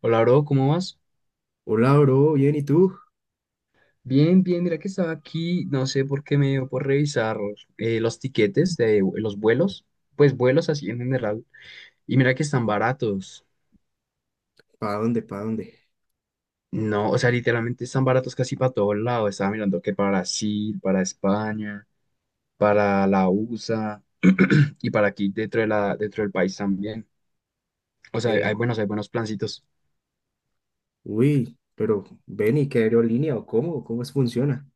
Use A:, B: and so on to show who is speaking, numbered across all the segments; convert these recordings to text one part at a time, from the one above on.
A: Hola, bro, ¿cómo vas?
B: Hola, bro, bien, ¿y tú?
A: Bien, bien, mira que estaba aquí, no sé por qué me dio por revisar los tiquetes de los vuelos, pues vuelos así en general, y mira que están baratos.
B: ¿Para dónde? ¿Para dónde?
A: No, o sea, literalmente están baratos casi para todos lados. Estaba mirando que para Brasil, para España, para la USA y para aquí dentro del país también. O sea,
B: Eh,
A: hay buenos plancitos.
B: uy, pero ven y qué aerolínea o cómo es funciona.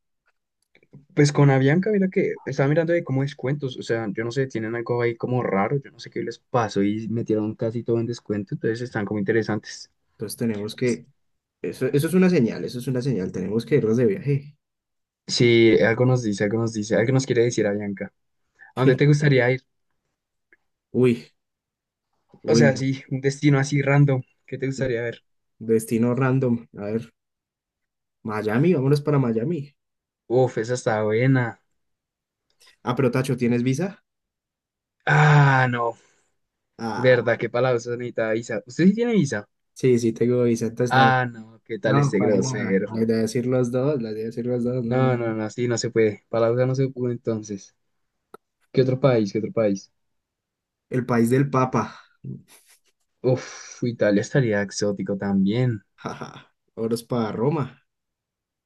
A: Pues con Avianca, mira que estaba mirando de cómo descuentos, o sea, yo no sé, tienen algo ahí como raro, yo no sé qué les pasó y metieron casi todo en descuento, entonces están como interesantes.
B: Entonces tenemos que, eso es una señal, eso es una señal, tenemos que irnos de viaje.
A: Sí, algo nos dice, algo nos dice, algo nos quiere decir Avianca. ¿A dónde te gustaría ir?
B: Uy,
A: O
B: uy,
A: sea, sí, un destino así random, ¿qué te gustaría ver?
B: destino random. A ver, Miami, vámonos para Miami.
A: Uf, esa está buena.
B: Ah, pero Tacho, ¿tienes visa?
A: Ah, no,
B: Ah,
A: verdad, qué palabras necesita visa. ¿Usted sí tiene visa?
B: sí, sí tengo visa, entonces no,
A: Ah, no, ¿qué tal
B: no,
A: este
B: para nada.
A: grosero?
B: La idea es ir los dos, la idea es ir los dos, no, no.
A: No, no,
B: no.
A: no, sí, no se puede. Palabras no se puede entonces. ¿Qué otro país? ¿Qué otro país?
B: El país del Papa,
A: Uf, Italia estaría exótico también.
B: jaja. Vámonos para Roma.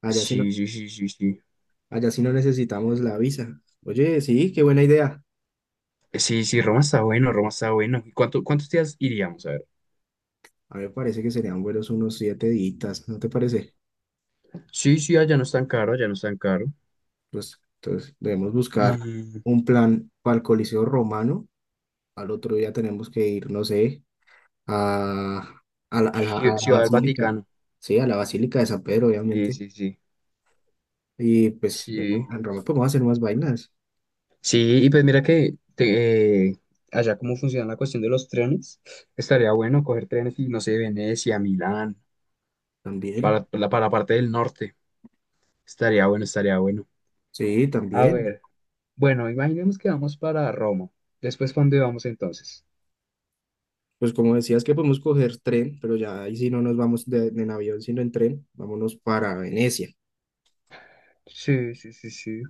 B: Allá sí
A: Sí, sí, sí, sí, sí.
B: allá sí no necesitamos la visa. Oye, sí, qué buena idea.
A: Sí, sí, Roma está bueno, Roma está bueno. ¿Y cuánto, cuántos días iríamos? A ver.
B: A mí me parece que serían buenos unos 7 días, ¿no te parece?
A: Sí, sí, allá no es tan caro, allá no es tan caro.
B: Pues entonces debemos buscar
A: Mm,
B: un plan para el Coliseo Romano. Al otro día tenemos que ir, no sé, a, a la, a la- a la
A: Ciudad del
B: Basílica.
A: Vaticano.
B: Sí, a la Basílica de San Pedro,
A: Sí,
B: obviamente.
A: sí, sí.
B: Y pues en
A: Sí.
B: en Roma podemos hacer más vainas
A: Sí, y pues mira que allá cómo funciona la cuestión de los trenes. Estaría bueno coger trenes y no sé, Venecia, Milán,
B: también.
A: para la parte del norte. Estaría bueno, estaría bueno.
B: Sí,
A: A
B: también.
A: ver, bueno, imaginemos que vamos para Roma. Después, ¿para dónde vamos entonces?
B: Pues como decías que podemos coger tren, pero ya ahí sí no nos vamos de, en avión, sino en tren. Vámonos para Venecia.
A: Sí, sí, sí, sí.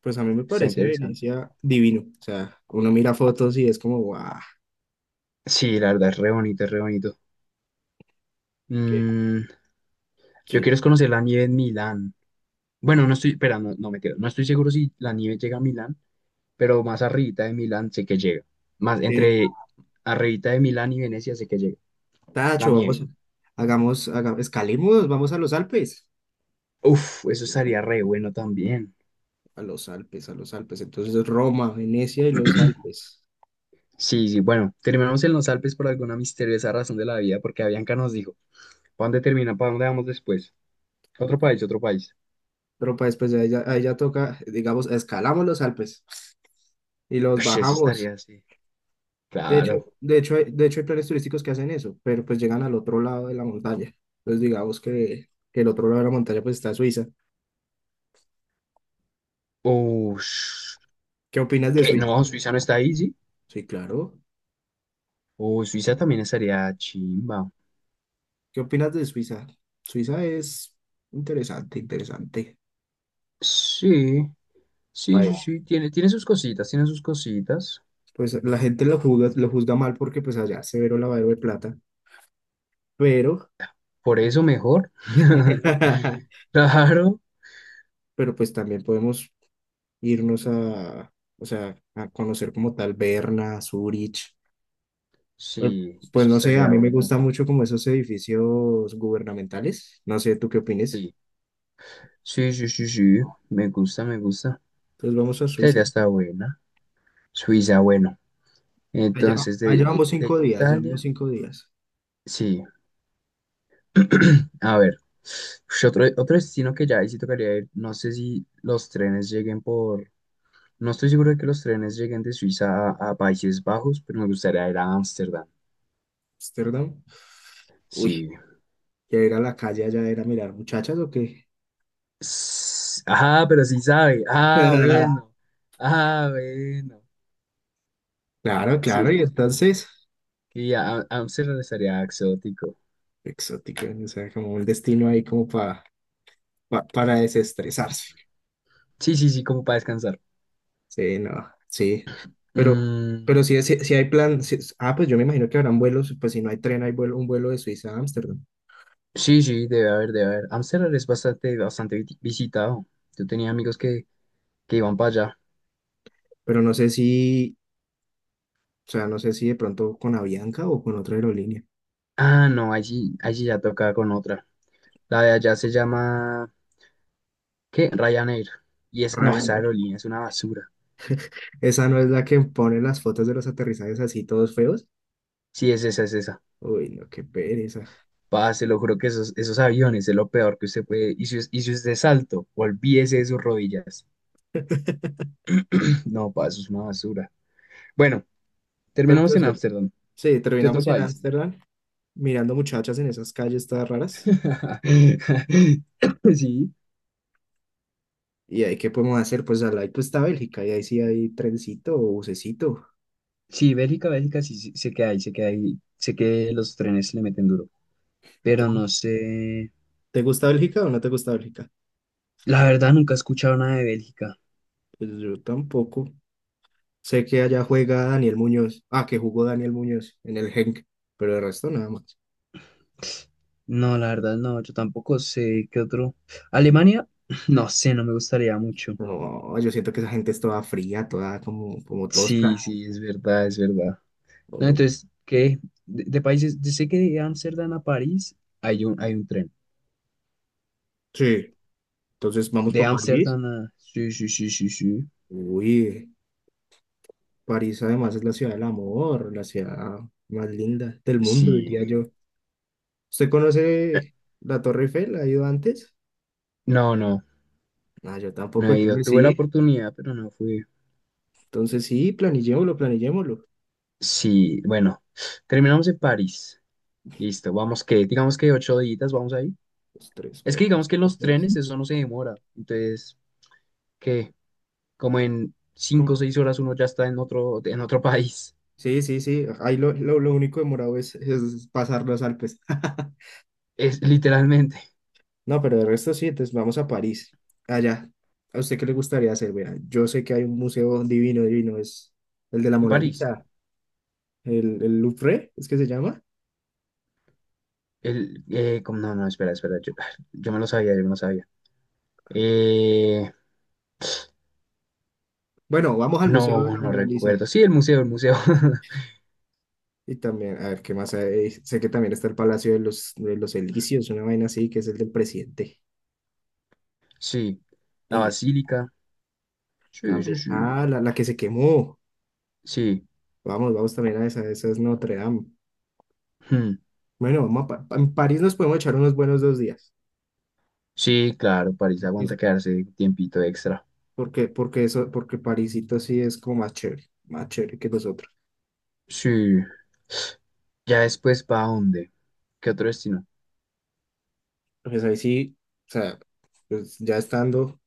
B: Pues a mí me
A: Está
B: parece
A: interesante.
B: Venecia divino. O sea, uno mira fotos y es como, guau,
A: Sí, la verdad, es re bonito, es re bonito.
B: qué
A: Mm, yo
B: chido.
A: quiero es conocer la nieve en Milán. Bueno, no estoy, espera, no, no me quedo. No estoy seguro si la nieve llega a Milán, pero más arribita de Milán sé que llega. Más entre arribita de Milán y Venecia sé que llega. La
B: Tacho,
A: nieve.
B: vamos, escalemos, vamos a los Alpes.
A: Uf, eso estaría re bueno también.
B: A los Alpes, a los Alpes. Entonces Roma, Venecia y los Alpes.
A: Sí, sí, bueno, terminamos en los Alpes por alguna misteriosa razón de la vida, porque Avianca nos dijo. ¿Para dónde termina? ¿Para dónde vamos después? Otro país, otro país.
B: Pero pues después de ahí ya toca, digamos, escalamos los Alpes y los
A: Ush, eso
B: bajamos.
A: estaría así. Claro.
B: De hecho hay planes turísticos que hacen eso, pero pues llegan al otro lado de la montaña. Entonces digamos que el otro lado de la montaña pues está Suiza.
A: Ush.
B: ¿Qué opinas de
A: ¿Qué?
B: Suiza?
A: No, Suiza no está ahí, ¿sí?
B: Sí, claro.
A: O Suiza también estaría chimba.
B: ¿Qué opinas de Suiza? Suiza es interesante, interesante.
A: Sí, sí, sí,
B: País.
A: sí. Tiene sus cositas, tiene sus cositas.
B: Pues la gente lo juzga mal porque pues allá se veró lavadero de plata, pero,
A: Por eso mejor. Claro.
B: pero pues también podemos irnos a, o sea, a conocer como tal Berna, Zurich. Pues,
A: Sí,
B: pues
A: eso
B: no sé, a
A: estaría
B: mí me
A: bueno.
B: gusta mucho como esos edificios gubernamentales. No sé, ¿tú qué opinas?
A: Sí. Sí, sí, sí, sí. Me gusta, me gusta.
B: Entonces vamos a
A: Esa
B: Suiza.
A: idea está buena. Suiza, bueno.
B: Allá,
A: Entonces,
B: allá
A: de, de
B: vamos
A: de
B: 5 días, ya vamos
A: Italia.
B: 5 días.
A: Sí. A ver, ush, otro destino que ya ahí sí tocaría ir, no sé si los trenes lleguen por, no estoy seguro de que los trenes lleguen de Suiza a Países Bajos, pero me gustaría ir a Ámsterdam.
B: Amsterdam. Uy,
A: Sí.
B: ya ir a la calle allá era mirar muchachas o qué.
A: S- Ah, pero sí sabe. Ah, bueno. Ah, bueno.
B: Claro, claro, y
A: Sí, sí.
B: entonces,
A: Y Ámsterdam estaría exótico.
B: exótico, o sea, como un destino ahí como pa, para desestresarse.
A: Sí, sí, sí, como para descansar.
B: Sí, no, sí. Pero,
A: Mm,
B: pero si, si hay plan, ah, pues yo me imagino que habrán vuelos, pues si no hay tren, hay vuelo, un vuelo de Suiza a Ámsterdam.
A: sí, sí, debe haber, debe haber. Ámsterdam es bastante, bastante visitado. Yo tenía amigos que iban para allá.
B: Pero no sé si, o sea, no sé si de pronto con Avianca o con otra aerolínea.
A: Ah, no, allí ya toca con otra. La de allá se llama, ¿qué? Ryanair. Y es, no, esa
B: Ryanair.
A: aerolínea es una basura.
B: Esa no es la que pone las fotos de los aterrizajes así todos feos.
A: Sí, es esa, es esa.
B: Uy, no, qué pereza.
A: Pa, se lo juro que esos aviones es lo peor que usted puede. Y si usted es alto, olvídese de sus rodillas. No, pa, eso es una basura. Bueno,
B: Pero
A: terminamos en
B: entonces,
A: Ámsterdam.
B: sí,
A: ¿Qué otro
B: terminamos en
A: país?
B: Ámsterdam mirando muchachas en esas calles todas raras.
A: Sí,
B: ¿Y ahí qué podemos hacer? Pues al lado pues, está Bélgica y ahí sí hay trencito o bucecito.
A: sí, Bélgica, Bélgica, sí, sí, sé que hay, sé que hay, sé que los trenes le meten duro. Pero no
B: Entonces,
A: sé,
B: ¿te gusta Bélgica o no te gusta Bélgica?
A: la verdad nunca he escuchado nada de Bélgica.
B: Pues yo tampoco. Sé que allá juega Daniel Muñoz. Ah, que jugó Daniel Muñoz en el Genk, pero de resto nada más.
A: No, la verdad, no, yo tampoco sé qué otro. Alemania, no sé, no me gustaría mucho.
B: No, yo siento que esa gente es toda fría, toda como, como
A: Sí,
B: tosca.
A: sí, es verdad, es verdad. No,
B: Oh,
A: entonces, ¿qué? De países, yo sé que de Ámsterdam a París hay un tren.
B: sí, entonces vamos
A: De
B: para París.
A: Ámsterdam a... Sí, sí, sí, sí, sí.
B: Uy, París además es la ciudad del amor, la ciudad más linda del mundo,
A: Sí.
B: diría yo. ¿Usted conoce la Torre Eiffel? ¿Ha ido antes?
A: No, no,
B: Ah, yo
A: no
B: tampoco,
A: he ido. Tuve la oportunidad, pero no fui.
B: entonces sí, planillémoslo, planillémoslo.
A: Sí, bueno, terminamos en París. Listo, vamos que, digamos que 8 días, vamos ahí.
B: Dos, tres,
A: Es que
B: cuatro,
A: digamos que
B: cinco,
A: los
B: seis.
A: trenes, eso no se demora. Entonces, ¿qué? Como en cinco o
B: ¿Cómo?
A: seis horas uno ya está en otro país.
B: Sí, sí, sí, ahí lo, lo único demorado es pasar los Alpes.
A: Es literalmente
B: No, pero de resto sí, entonces vamos a París, allá. ¿A usted qué le gustaría hacer? Vea, yo sé que hay un museo divino, divino, es el de la
A: en
B: Mona
A: París.
B: Lisa, el Louvre, ¿es que se llama?
A: El, como, no, no, espera, espera, yo, yo me lo sabía, yo me lo sabía. Eh,
B: Bueno, vamos al Museo de
A: no,
B: la
A: no
B: Mona Lisa.
A: recuerdo. Sí, el museo, el museo.
B: Y también, a ver, ¿qué más hay? Sé que también está el Palacio de los Elíseos, una vaina así, que es el del presidente.
A: Sí, la
B: Y ya,
A: basílica. Sí, sí,
B: también.
A: sí.
B: Ah, la que se quemó.
A: Sí,
B: Vamos, vamos también a esa, esa es Notre Dame.
A: hmm.
B: Bueno, vamos a en París nos podemos echar unos buenos 2 días.
A: Sí, claro, París aguanta
B: Eso,
A: quedarse tiempito extra.
B: porque, porque eso, porque Parisito sí es como más chévere que nosotros.
A: Sí. Ya después, ¿para dónde? ¿Qué otro destino?
B: Pues ahí sí, o sea, pues ya estando,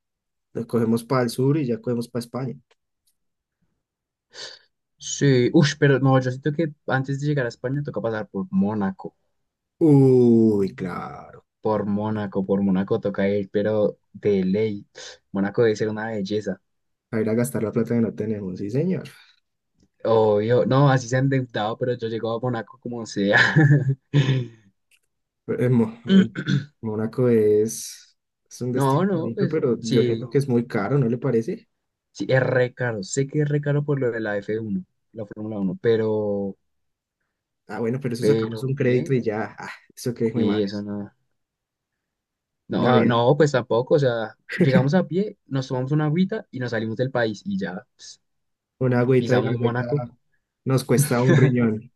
B: nos cogemos para el sur y ya cogemos para España.
A: Sí, uff, pero no, yo siento que antes de llegar a España toca pasar por Mónaco,
B: Uy, claro.
A: por Mónaco, por Mónaco toca ir, pero de ley. Mónaco debe ser una belleza.
B: A ir a gastar la plata que no tenemos, sí, señor.
A: Obvio, no, así se han endeudado, pero yo llego a Mónaco como sea.
B: Pero, Mónaco es un
A: No,
B: destino
A: no,
B: bonito,
A: pues
B: pero yo siento
A: sí,
B: que es muy caro, ¿no le parece?
A: sí, es re caro. Sé que es re caro por lo de la F1, la Fórmula 1,
B: Ah, bueno, pero eso sacamos
A: pero,
B: un crédito
A: ¿qué?
B: y ya, ah, eso que es mi
A: Sí,
B: madre.
A: eso no. No,
B: La
A: ah,
B: vida,
A: no, pues tampoco, o sea, llegamos a pie, nos tomamos una agüita y nos salimos del país y ya.
B: una agüita y la
A: Pisamos
B: agüita
A: Mónaco.
B: nos cuesta un riñón.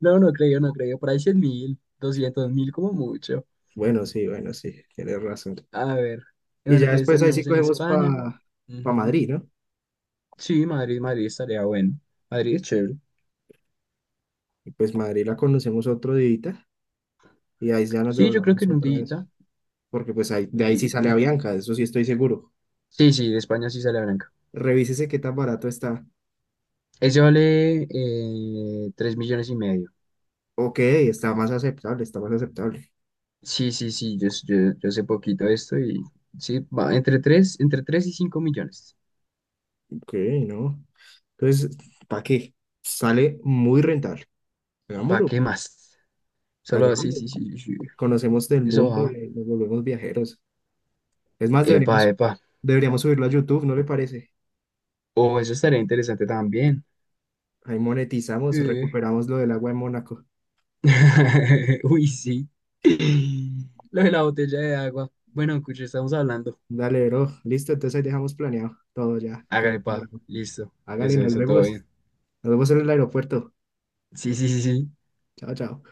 A: No, no creo, no creo. Por ahí 100 mil, 200.000 como mucho.
B: Bueno, sí, bueno, sí, tienes razón.
A: A ver. Y
B: Y
A: bueno,
B: ya
A: entonces
B: después ahí sí
A: terminamos en
B: cogemos para
A: España.
B: pa
A: Ujú.
B: Madrid, ¿no?
A: Sí, Madrid, Madrid estaría bueno. Madrid es chévere.
B: Y pues Madrid la conocemos otro día y ahí ya nos
A: Sí, yo creo que
B: devolvemos
A: en un
B: otra vez,
A: día,
B: porque pues ahí, de
A: un
B: ahí sí sale
A: día.
B: Avianca, de eso sí estoy seguro.
A: Sí, sí, de España sí sale blanca.
B: Revísese qué tan barato está.
A: Ese vale 3 millones y medio.
B: Ok, está más aceptable, está más aceptable.
A: Sí, sí, sí, yo sé poquito de esto y sí, va entre 3 y 5 millones.
B: Ok, no. Entonces, ¿para qué? Sale muy rentable.
A: ¿Para
B: Hagámoslo,
A: qué más? Solo, sí,
B: hagámoslo.
A: sí, sí, sí.
B: Conocemos del
A: Eso
B: boom
A: va.
B: de nos volvemos viajeros. Es más,
A: Epa,
B: deberíamos,
A: epa.
B: deberíamos subirlo a YouTube, ¿no le parece?
A: Oh, eso estaría interesante también.
B: Ahí monetizamos,
A: Eh.
B: recuperamos lo del agua en Mónaco.
A: Uy, sí. Lo de la botella de agua. Bueno, escucha, estamos hablando.
B: Dale, bro. Listo, entonces ahí dejamos planeado todo ya. Quedó
A: Hágale, pa.
B: cuadrado.
A: Listo.
B: Hágale,
A: Eso,
B: nos
A: eso, todo
B: vemos.
A: bien.
B: Nos vemos en el aeropuerto.
A: Sí, sí, sí, sí.
B: Chao, chao.